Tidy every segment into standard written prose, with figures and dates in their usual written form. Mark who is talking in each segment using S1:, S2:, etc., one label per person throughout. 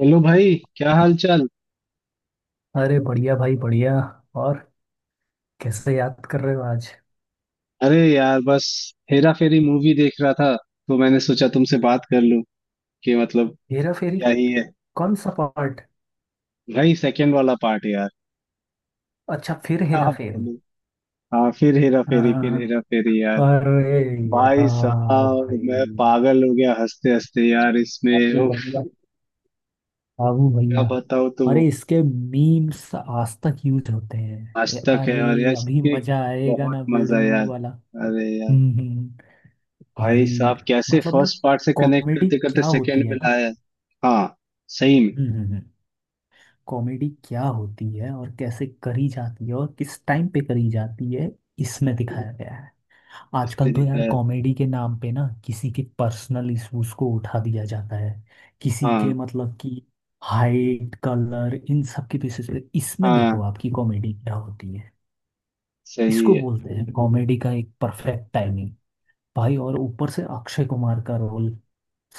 S1: Hello भाई, क्या हाल चाल?
S2: अरे बढ़िया भाई बढ़िया। और कैसे याद कर रहे हो आज?
S1: अरे यार, बस हेरा फेरी मूवी देख रहा था तो मैंने सोचा तुमसे बात कर लूं कि मतलब
S2: हेरा फेरी
S1: क्या ही है।
S2: कौन सा पार्ट?
S1: भाई, सेकंड वाला पार्ट यार।
S2: अच्छा, फिर
S1: क्या
S2: हेरा फेरी।
S1: बोलूं, हाँ, फिर हेरा फेरी, फिर
S2: हाँ।
S1: हेरा फेरी यार।
S2: अरे
S1: भाई
S2: यार
S1: साहब, मैं
S2: भाई,
S1: पागल हो गया हंसते हंसते यार, इसमें
S2: अबू
S1: उफ।
S2: भैया, अबू
S1: क्या
S2: भैया।
S1: बताऊं, तो वो
S2: अरे इसके मीम्स आज तक यूज होते हैं।
S1: आज
S2: ये
S1: तक है,
S2: अरे,
S1: और यार
S2: अभी
S1: इसके
S2: मजा आएगा
S1: बहुत
S2: ना बेड़ू
S1: मजा यार।
S2: वाला।
S1: अरे यार,
S2: हम्म। भाई
S1: भाई साहब कैसे
S2: मतलब ना,
S1: फर्स्ट पार्ट से कनेक्ट
S2: कॉमेडी
S1: करते करते
S2: क्या
S1: सेकंड
S2: होती है
S1: में
S2: ना।
S1: लाया। हाँ, सही में।
S2: हम्म हम्म, हम्म। कॉमेडी क्या होती है और कैसे करी जाती है और किस टाइम पे करी जाती है, इसमें दिखाया गया है।
S1: इसने
S2: आजकल तो यार
S1: दिखाया।
S2: कॉमेडी के नाम पे ना किसी के पर्सनल इश्यूज को उठा दिया जाता है। किसी के
S1: हाँ।
S2: मतलब कि, हाइट कलर इन सब की बेसिस पे इसमें देखो
S1: हाँ,
S2: आपकी कॉमेडी क्या होती है।
S1: सही
S2: इसको
S1: है।
S2: बोलते हैं कॉमेडी का एक परफेक्ट टाइमिंग। भाई और ऊपर से अक्षय कुमार का रोल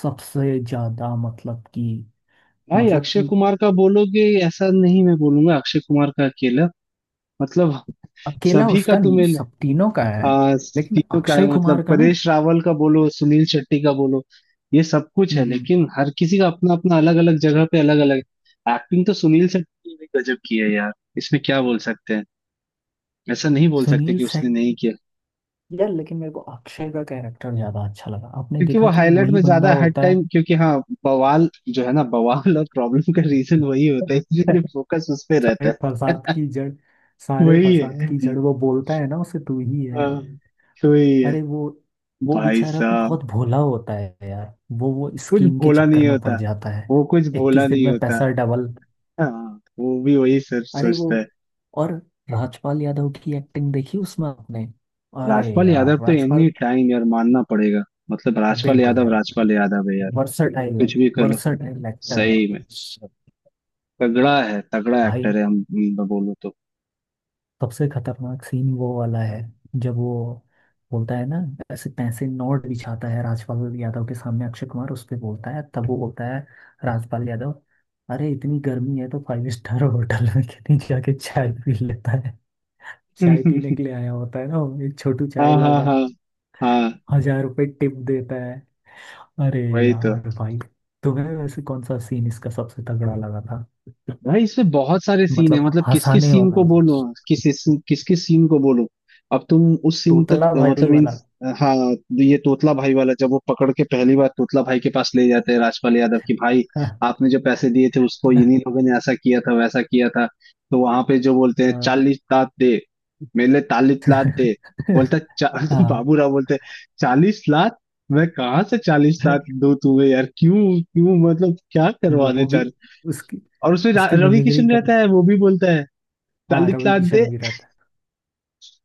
S2: सबसे ज्यादा, मतलब कि
S1: भाई,
S2: मतलब
S1: अक्षय
S2: कि
S1: कुमार का बोलोगे? ऐसा नहीं, मैं बोलूंगा अक्षय कुमार का अकेला, मतलब
S2: अकेला
S1: सभी का।
S2: उसका नहीं, सब तीनों का है।
S1: हाँ,
S2: लेकिन
S1: तीनों का है,
S2: अक्षय
S1: मतलब
S2: कुमार का ना,
S1: परेश रावल का बोलो, सुनील शेट्टी का बोलो। ये सब कुछ
S2: हम्म
S1: है
S2: हम्म।
S1: लेकिन हर किसी का अपना अपना अलग अलग जगह पे अलग अलग एक्टिंग। तो सुनील शेट्टी ने भी गजब की है यार, इसमें क्या बोल सकते हैं। ऐसा नहीं बोल सकते
S2: सुनील
S1: कि उसने
S2: शेट्टी।
S1: नहीं किया।
S2: यार लेकिन मेरे को अक्षय का कैरेक्टर ज्यादा अच्छा लगा, आपने
S1: क्योंकि वो
S2: देखा कि
S1: हाईलाइट
S2: वही
S1: में
S2: बंदा
S1: ज्यादा हर
S2: होता है।
S1: टाइम, क्योंकि हाँ, बवाल जो है ना, बवाल और प्रॉब्लम का रीजन वही होता है इसलिए फोकस उस पे रहता
S2: सारे
S1: है।
S2: फसाद की जड़, सारे
S1: वही
S2: फसाद
S1: है।
S2: की जड़ वो बोलता है ना, उसे तू ही है।
S1: हाँ। हम्म। तो वही है।
S2: अरे वो
S1: भाई
S2: बेचारा भी
S1: साहब,
S2: बहुत भोला होता है यार। वो
S1: कुछ
S2: स्कीम के
S1: भोला
S2: चक्कर
S1: नहीं
S2: में पड़
S1: होता,
S2: जाता है।
S1: वो कुछ भोला
S2: 21 दिन
S1: नहीं
S2: में
S1: होता।
S2: पैसा डबल।
S1: हाँ, वो भी वही सर
S2: अरे वो,
S1: सोचता है।
S2: और राजपाल यादव की एक्टिंग देखी उसमें आपने? अरे
S1: राजपाल यादव
S2: यार,
S1: तो एनी
S2: राजपाल।
S1: टाइम यार, मानना पड़ेगा। मतलब राजपाल
S2: बिल्कुल
S1: यादव,
S2: यार,
S1: राजपाल यादव है यार।
S2: वर्सटाइल है,
S1: कुछ भी कर लो।
S2: वर्सटाइल एक्टर
S1: सही में,
S2: है।
S1: तगड़ा है, तगड़ा
S2: भाई,
S1: एक्टर है, हम बोलो तो।
S2: सबसे खतरनाक सीन वो वाला है, जब वो बोलता है ना, ऐसे पैसे नोट बिछाता है राजपाल यादव के सामने अक्षय कुमार, उस पे बोलता है, तब वो बोलता है राजपाल यादव, अरे इतनी गर्मी है तो 5 स्टार होटल में क्यों नहीं जाके चाय पी लेता है। चाय पीने के लिए आया होता है ना वो, एक छोटू चाय
S1: हाँ, हाँ,
S2: लगा,
S1: हाँ, हाँ।
S2: 1000 रुपए टिप देता है। अरे
S1: वही तो।
S2: यार भाई, तुम्हें वैसे कौन सा सीन इसका सबसे तगड़ा लगा था,
S1: भाई, इसमें बहुत सारे सीन है,
S2: मतलब
S1: मतलब किस किस
S2: हंसाने
S1: सीन
S2: वाला?
S1: को बोलूं। किस किस किस सीन को बोलूं, अब तुम उस सीन तक
S2: तोतला भाई
S1: मतलब इन,
S2: वाला।
S1: हाँ। ये तोतला भाई वाला, जब वो पकड़ के पहली बार तोतला भाई के पास ले जाते हैं राजपाल यादव की, भाई
S2: हाँ।
S1: आपने जो पैसे दिए थे उसको इन्हीं लोगों ने ऐसा किया था, वैसा किया था। तो वहां पे जो बोलते हैं
S2: हाँ
S1: 40 लाख दे, मेरे लिए 40 लाख दे। बोलता है, चा... तो
S2: हाँ,
S1: बाबूराव बोलते हैं, 40 लाख। मैं कहाँ से 40 लाख दूं तुम्हें यार, क्यों क्यों, मतलब क्या करवाने।
S2: वो भी उसकी
S1: और उसमें
S2: उसकी
S1: रवि
S2: मिमिक्री
S1: किशन
S2: कर।
S1: रहता है, वो भी बोलता है
S2: हाँ,
S1: दालित
S2: रवि
S1: लाद दे,
S2: किशन भी रहता है।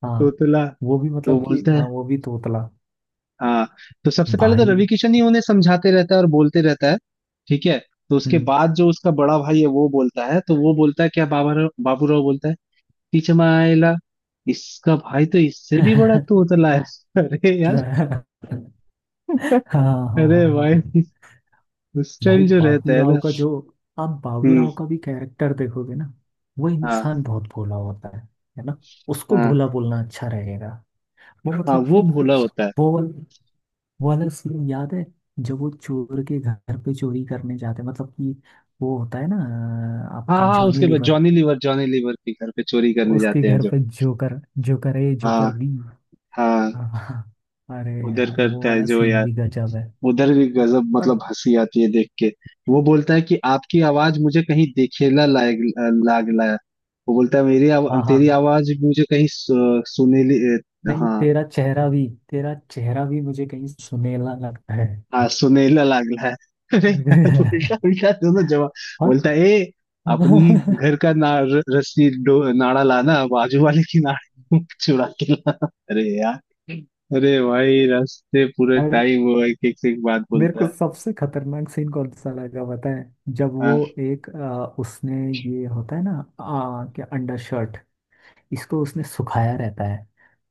S2: हाँ
S1: तोतला।
S2: वो भी
S1: तो
S2: मतलब कि,
S1: बोलता
S2: हाँ
S1: है
S2: वो भी तोतला
S1: हाँ। तो सबसे पहले तो
S2: भाई।
S1: रवि किशन ही उन्हें समझाते रहता है और बोलते रहता है, ठीक है। तो उसके
S2: हम्म।
S1: बाद जो उसका बड़ा भाई है वो बोलता है, तो वो बोलता है क्या बाबा राव, बाबू राव बोलता है, टीचमाइला। इसका भाई तो इससे भी बड़ा तोतला है। अरे यार,
S2: हाँ हाँ
S1: अरे
S2: हाँ हाँ।
S1: भाई, उस
S2: भाई
S1: टाइम जो रहता
S2: बाबू
S1: है ना।
S2: राव का जो, आप बाबू
S1: हम्म।
S2: राव का भी कैरेक्टर देखोगे ना, वो
S1: हाँ,
S2: इंसान बहुत भोला होता है ना? उसको
S1: हाँ,
S2: भोला बोलना अच्छा रहेगा। वो
S1: हाँ,
S2: मतलब कि,
S1: वो भोला होता है।
S2: वो वो वाला सीन याद है, जब वो चोर के घर पे चोरी करने जाते हैं, मतलब कि वो होता है ना,
S1: हाँ,
S2: आपका
S1: हाँ,
S2: जॉनी
S1: उसके बाद
S2: लीवर,
S1: जॉनी लीवर, जॉनी लीवर के घर पे चोरी करने
S2: उसके
S1: जाते हैं
S2: घर
S1: जो।
S2: पे जोकर, जोकर ए जोकर
S1: हाँ,
S2: बी।
S1: हाँ,
S2: हाँ, हाँ, हाँ। अरे
S1: उधर
S2: यार, वो
S1: करता है
S2: वाला
S1: जो
S2: सीन
S1: यार,
S2: भी गजब है।
S1: उधर भी गजब,
S2: और
S1: मतलब हंसी आती है देख के। वो बोलता है कि आपकी आवाज मुझे कहीं देखेला लायक, लाग लाया। वो बोलता है, मेरी आवा,
S2: हाँ, हाँ।
S1: तेरी आवाज मुझे कहीं सुनेली।
S2: नहीं
S1: हाँ,
S2: तेरा चेहरा भी, तेरा चेहरा भी मुझे कहीं सुनेला लगता है।
S1: हाँ, सुनेला लाग लाया। अरे यार, उल्टा उल्टा दोनों जवाब।
S2: और
S1: बोलता है, ए अपनी ही घर का ना, रस्सी डो, नाड़ा लाना, बाजू वाले की नाड़ी चुरा के लाना। अरे यार, अरे भाई, रास्ते पूरे
S2: अरे,
S1: टाइम वो एक एक, से एक बात
S2: मेरे
S1: बोलता
S2: को
S1: है।
S2: सबसे खतरनाक सीन कौन सा लगा पता है, जब वो
S1: हाँ,
S2: एक उसने, ये होता है ना, क्या अंडर शर्ट, इसको उसने सुखाया रहता है,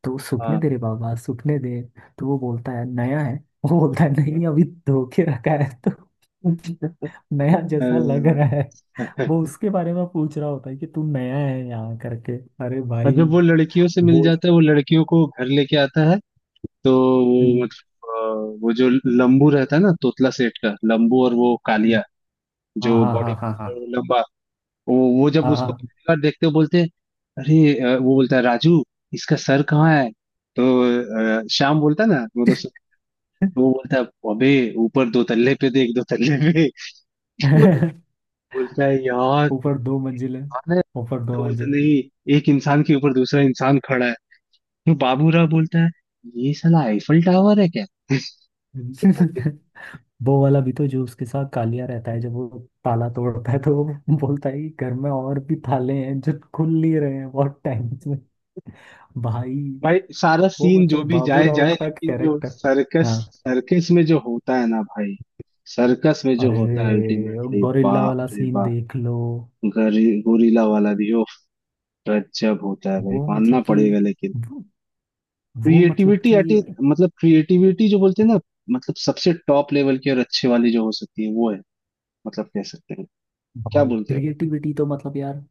S2: तो सूखने दे रे बाबा, सूखने दे। तो वो बोलता है नया है। वो बोलता है नहीं, अभी धो के रखा है तो
S1: हाँ।
S2: नया जैसा
S1: अरे
S2: लग रहा है। वो
S1: यार।
S2: उसके बारे में पूछ रहा होता है कि तू नया है यहाँ करके। अरे
S1: और
S2: भाई,
S1: जब वो लड़कियों से मिल
S2: बोझ।
S1: जाता है, वो लड़कियों को घर लेके आता है, तो वो
S2: हम्म,
S1: मतलब वो जो लंबू रहता है ना, तोतला सेठ का लंबू, और वो
S2: हम्म,
S1: कालिया,
S2: हाँ
S1: जो
S2: हाँ
S1: बॉडी,
S2: हाँ हाँ
S1: लंबा। वो जब
S2: हाँ
S1: उसको
S2: हाँ
S1: पहली बार देखते हो बोलते हैं, अरे, वो बोलता है, राजू, इसका सर कहाँ है। तो श्याम बोलता है ना, मतलब
S2: हाँ।
S1: वो बोलता है, अबे ऊपर दो तल्ले पे देख, दो तल्ले पे। वो तो बोलता है यार,
S2: ऊपर 2 मंजिल है,
S1: इंसान है?
S2: ऊपर दो
S1: तो बोलता है,
S2: मंजिल
S1: नहीं, एक इंसान के ऊपर दूसरा इंसान खड़ा है। वो बाबूराव बोलता है, ये साला आईफल टावर है क्या।
S2: हम्म। वो वाला भी तो, जो उसके साथ कालिया रहता है, जब वो ताला तोड़ता है तो वो बोलता है कि घर में और भी ताले हैं जो खुल नहीं रहे हैं बहुत टाइम से। भाई,
S1: भाई सारा
S2: वो
S1: सीन जो
S2: मतलब
S1: भी
S2: बाबू
S1: जाए
S2: राव
S1: जाए,
S2: का
S1: लेकिन जो
S2: कैरेक्टर।
S1: सर्कस,
S2: हाँ।
S1: सर्कस में जो होता है ना भाई, सर्कस में जो
S2: अरे,
S1: होता है अल्टीमेटली
S2: गोरिल्ला
S1: बाप
S2: वाला
S1: रे
S2: सीन
S1: बाप।
S2: देख लो।
S1: गोरिल्ला वाला भी ओफ, गजब होता है भाई,
S2: वो मतलब
S1: मानना
S2: कि,
S1: पड़ेगा। लेकिन
S2: वो, वो मतलब
S1: क्रिएटिविटी
S2: कि,
S1: एट, मतलब क्रिएटिविटी जो बोलते हैं ना, मतलब सबसे टॉप लेवल की और अच्छे वाली जो हो सकती है वो है, मतलब कह सकते हैं, क्या
S2: भाई
S1: बोलते हो।
S2: क्रिएटिविटी तो मतलब यार,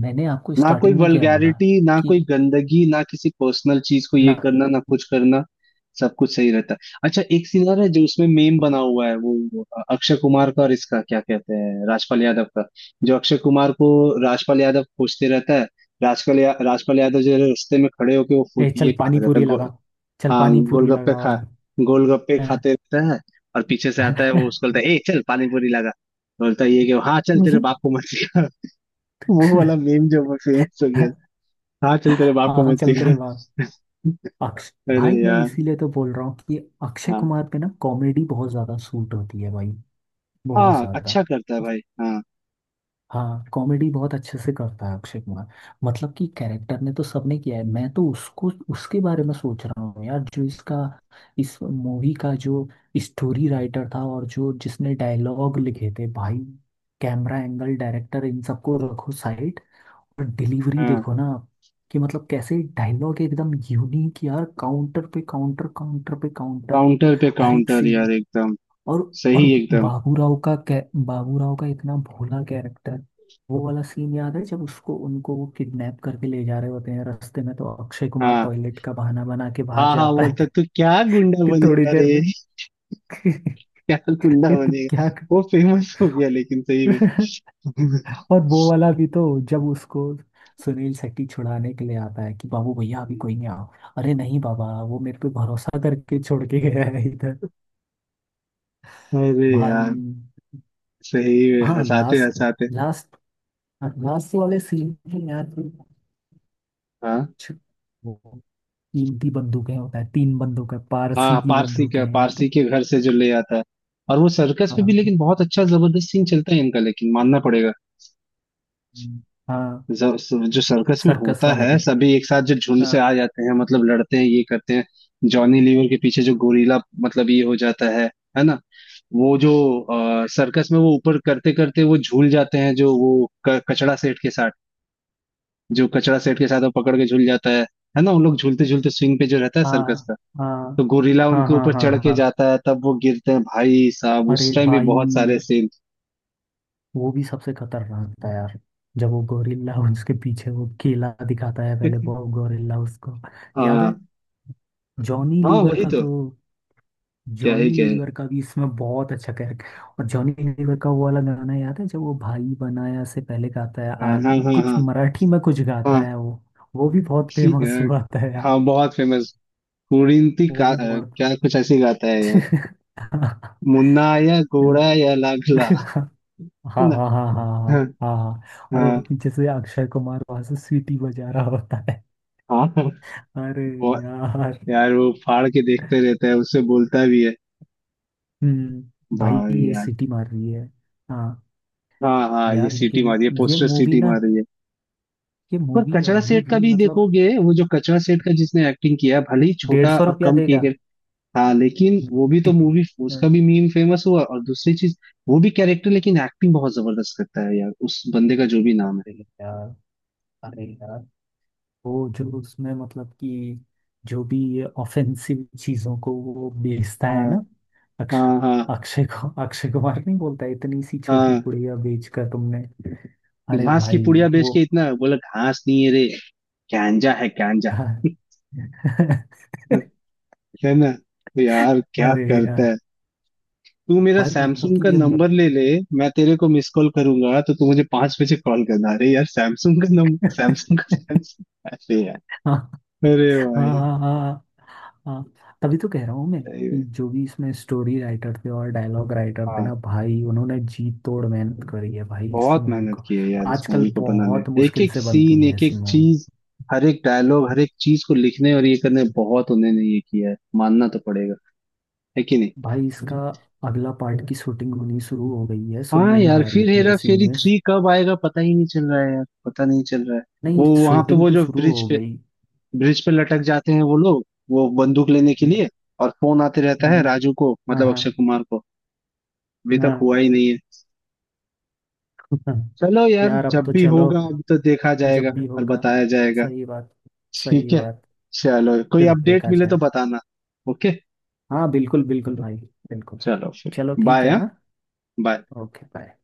S2: मैंने आपको
S1: ना कोई
S2: स्टार्टिंग में क्या बोला?
S1: वल्गैरिटी, ना
S2: कि
S1: कोई गंदगी, ना किसी पर्सनल चीज को ये
S2: ना,
S1: करना, ना कुछ करना। सब कुछ सही रहता है। अच्छा, एक सीन और है जो उसमें मेम बना हुआ है, वो अक्षय कुमार का और इसका क्या कहते हैं, राजपाल यादव का। जो अक्षय कुमार को राजपाल यादव खोजते रहता है। राजपाल यादव जो है रास्ते में खड़े होके वो फूड
S2: ए चल
S1: ये खाता
S2: पानी
S1: रहता है,
S2: पूरी लगा, चल
S1: हाँ,
S2: पानी पूरी
S1: गोलगप्पे
S2: लगा
S1: खा,
S2: वाला।
S1: गोलगप्पे खाते रहता है। और पीछे से आता है वो, उसको बोलता है, ए चल पानी पूरी लगा। बोलता है ये कि हाँ चल, तेरे बाप को मत सिखा। वो वाला मेम जो फेमस हो गया। हाँ चल, तेरे बाप
S2: हाँ
S1: को
S2: हाँ,
S1: मत
S2: चल
S1: सिखा।
S2: तेरे बाप, अक्ष
S1: अरे
S2: भाई मैं
S1: यार,
S2: इसीलिए तो बोल रहा हूँ कि अक्षय
S1: हाँ।
S2: कुमार पे ना कॉमेडी बहुत ज्यादा सूट होती है भाई, बहुत
S1: हाँ,
S2: ज्यादा।
S1: अच्छा करता है भाई, हाँ।
S2: हाँ, कॉमेडी बहुत अच्छे से करता है अक्षय कुमार। मतलब कि कैरेक्टर ने तो सबने किया है, मैं तो उसको, उसके बारे में सोच रहा हूँ यार, जो इसका, इस मूवी का जो स्टोरी राइटर था और जो जिसने डायलॉग लिखे थे भाई, कैमरा एंगल डायरेक्टर इन सबको रखो साइड, और डिलीवरी
S1: हाँ,
S2: देखो ना आप, कि मतलब कैसे डायलॉग एकदम यूनिक यार, काउंटर पे काउंटर, काउंटर पे काउंटर।
S1: काउंटर पे
S2: हर एक
S1: काउंटर
S2: सीन।
S1: यार, एकदम
S2: और और
S1: सही एकदम।
S2: बाबूराव का कै बाबूराव का इतना भोला कैरेक्टर। वो वाला सीन याद है जब उसको, उनको वो किडनैप करके ले जा रहे होते हैं, रास्ते में तो अक्षय कुमार
S1: हाँ,
S2: टॉयलेट का बहाना बना के बाहर
S1: हाँ, हाँ,
S2: जाता
S1: बोलता,
S2: है।
S1: तू क्या गुंडा
S2: कि थोड़ी
S1: बनेगा
S2: देर
S1: रे।
S2: में।
S1: क्या गुंडा
S2: ये तुम
S1: बनेगा,
S2: क्या
S1: वो फेमस हो गया लेकिन, सही में।
S2: कर। और वो वाला भी तो, जब उसको सुनील शेट्टी छुड़ाने के लिए आता है कि बाबू भैया अभी कोई नहीं, आओ, अरे नहीं बाबा, वो मेरे पे भरोसा करके छोड़ के गया है इधर।
S1: अरे
S2: भाई।
S1: यार, सही में
S2: हाँ,
S1: हंसाते
S2: लास्ट
S1: हंसाते।
S2: लास्ट लास्ट वाले सीन में यार,
S1: हाँ,
S2: छ- वो कीमती बंदूकें होता है, 3 बंदूकें, पारसी
S1: हाँ,
S2: की
S1: पारसी
S2: बंदूकें
S1: का,
S2: हैं, याद है?
S1: पारसी के घर से जो ले आता है। और वो सर्कस पे भी,
S2: हाँ,
S1: लेकिन बहुत अच्छा जबरदस्त सीन चलता है इनका, लेकिन मानना पड़ेगा।
S2: हम्म। हाँ,
S1: जो सर्कस में
S2: सर्कस
S1: होता
S2: वाले
S1: है,
S2: पे।
S1: सभी एक साथ जो झुंड से आ
S2: हाँ
S1: जाते हैं, मतलब लड़ते हैं, ये करते हैं, जॉनी लीवर के पीछे जो गोरीला, मतलब ये हो जाता है ना। वो जो सर्कस में वो ऊपर करते करते वो झूल जाते हैं जो, वो कचड़ा सेठ के साथ, जो कचड़ा सेठ के साथ वो पकड़ के झूल जाता है ना, उन लोग झूलते झूलते स्विंग पे जो रहता है सर्कस
S2: हाँ
S1: का।
S2: हाँ
S1: तो गोरीला
S2: हाँ
S1: उनके
S2: हाँ
S1: ऊपर चढ़
S2: हाँ
S1: के
S2: हाँ।
S1: जाता है, तब वो गिरते हैं, भाई साहब
S2: अरे
S1: उस टाइम भी बहुत सारे
S2: भाई,
S1: सीन।
S2: वो भी सबसे खतरनाक था यार, जब वो गोरिल्ला उसके पीछे वो केला दिखाता है, पहले वो गोरिल्ला उसको, याद है?
S1: हाँ,
S2: जॉनी
S1: हाँ,
S2: लीवर
S1: वही
S2: का
S1: तो।
S2: तो,
S1: क्या है,
S2: जॉनी
S1: क्या है।
S2: लीवर का भी इसमें बहुत अच्छा कैरेक्टर। और जॉनी लीवर का वो वाला गाना याद है, जब वो भाई बनाया से पहले गाता है,
S1: हाँ, हाँ,
S2: आलि कुछ
S1: हाँ,
S2: मराठी में कुछ गाता
S1: हाँ।
S2: है वो भी बहुत
S1: सी
S2: फेमस
S1: अ,
S2: हुआ था यार।
S1: हाँ, बहुत फेमस। कुरिंती
S2: वो
S1: का
S2: भी बहुत
S1: क्या कुछ ऐसे ही गाता है यार, मुन्ना या घोड़ा या लाखला, है
S2: हाँ
S1: ना।
S2: हाँ हाँ हाँ
S1: हाँ,
S2: हाँ हाँ। और वो
S1: हाँ,
S2: पीछे से अक्षय कुमार वहां से सीटी बजा रहा होता है।
S1: हाँ,
S2: अरे
S1: बहुत
S2: यार,
S1: यार। वो फाड़ के देखते रहता है, उससे बोलता भी है,
S2: हम्म, भाई
S1: वाह
S2: ये
S1: यार।
S2: सीटी मार रही है। हाँ।
S1: हाँ, हाँ, ये
S2: यार
S1: सीटी
S2: लेकिन
S1: मारी है,
S2: ये
S1: पोस्टर
S2: मूवी
S1: सीटी
S2: ना,
S1: मार रही है।
S2: ये
S1: पर
S2: मूवी
S1: कचरा
S2: अभी
S1: सेठ का
S2: भी
S1: भी
S2: मतलब,
S1: देखोगे, वो जो कचरा सेठ का, जिसने एक्टिंग किया भले ही
S2: डेढ़
S1: छोटा
S2: सौ
S1: और
S2: रुपया
S1: कम किए
S2: देगा।
S1: गए, हाँ, लेकिन वो भी तो मूवी उसका
S2: हम्म,
S1: भी मीम फेमस हुआ, और दूसरी चीज, वो भी कैरेक्टर लेकिन एक्टिंग बहुत जबरदस्त करता है यार, उस बंदे का जो भी नाम है।
S2: अरे यार, अरे यार, वो जो उसमें मतलब कि, जो भी ये ऑफेंसिव चीजों को वो बेचता है
S1: हाँ,
S2: ना, अक्षय,
S1: हाँ, हाँ,
S2: अक्षय को अक्षय कुमार नहीं बोलता है, इतनी सी छोटी
S1: हाँ।
S2: पुड़िया बेच कर तुमने। अरे
S1: घास की
S2: भाई
S1: पुड़िया बेच
S2: वो
S1: के इतना बोला, घास नहीं है रे, गांजा है, गांजा। है ना? तो यार क्या
S2: अरे यार
S1: करता है, तू मेरा
S2: भाई, मतलब
S1: सैमसंग
S2: कि
S1: का
S2: ये
S1: नंबर ले ले, मैं तेरे को मिस कॉल करूंगा, तो तू मुझे 5 बजे कॉल करना। अरे यार, सैमसंग का नंबर, सैमसंग का, सैमसंग। अरे यार,
S2: हाँ
S1: अरे
S2: हाँ
S1: भाई।
S2: हाँ हाँ हाँ। तभी तो कह रहा हूँ मैं,
S1: सही
S2: कि
S1: है,
S2: जो भी इसमें स्टोरी राइटर थे और डायलॉग राइटर थे
S1: हाँ।
S2: ना भाई, उन्होंने जी तोड़ मेहनत करी है भाई इस
S1: बहुत
S2: मूवी
S1: मेहनत
S2: को।
S1: की है यार इस
S2: आजकल
S1: मूवी को बनाने
S2: बहुत
S1: में। एक
S2: मुश्किल
S1: एक
S2: से बनती
S1: सीन,
S2: है
S1: एक
S2: ऐसी
S1: एक
S2: मूवी।
S1: चीज, हर एक डायलॉग, हर एक चीज को लिखने और ये करने में बहुत उन्होंने ये किया है, मानना तो पड़ेगा, है कि नहीं।
S2: भाई, इसका अगला पार्ट की शूटिंग होनी शुरू हो गई है,
S1: हाँ
S2: सुनने में
S1: यार,
S2: आ रही
S1: फिर
S2: थी
S1: हेरा
S2: ऐसी
S1: फेरी
S2: न्यूज़।
S1: 3 कब आएगा पता ही नहीं चल रहा है यार, पता नहीं चल रहा है।
S2: नहीं,
S1: वो वहां पे
S2: शूटिंग
S1: वो
S2: तो
S1: जो
S2: शुरू
S1: ब्रिज
S2: हो
S1: पे,
S2: गई।
S1: ब्रिज पे लटक जाते हैं वो लोग, वो बंदूक लेने के
S2: हम्म,
S1: लिए, और फोन आते रहता है
S2: हम्म,
S1: राजू को
S2: हाँ
S1: मतलब
S2: हाँ
S1: अक्षय कुमार को, अभी तक हुआ
S2: हाँ।
S1: ही नहीं है। चलो यार,
S2: यार अब
S1: जब
S2: तो
S1: भी
S2: चलो,
S1: होगा अब तो देखा जाएगा
S2: जब भी
S1: और
S2: होगा।
S1: बताया जाएगा।
S2: सही बात, सही
S1: ठीक है।
S2: बात।
S1: चलो, कोई
S2: फिर
S1: अपडेट
S2: देखा
S1: मिले तो
S2: जाए।
S1: बताना। ओके,
S2: हाँ बिल्कुल बिल्कुल भाई, बिल्कुल।
S1: चलो फिर।
S2: चलो ठीक
S1: बाय,
S2: है,
S1: हाँ,
S2: हाँ।
S1: बाय।
S2: Okay, bye.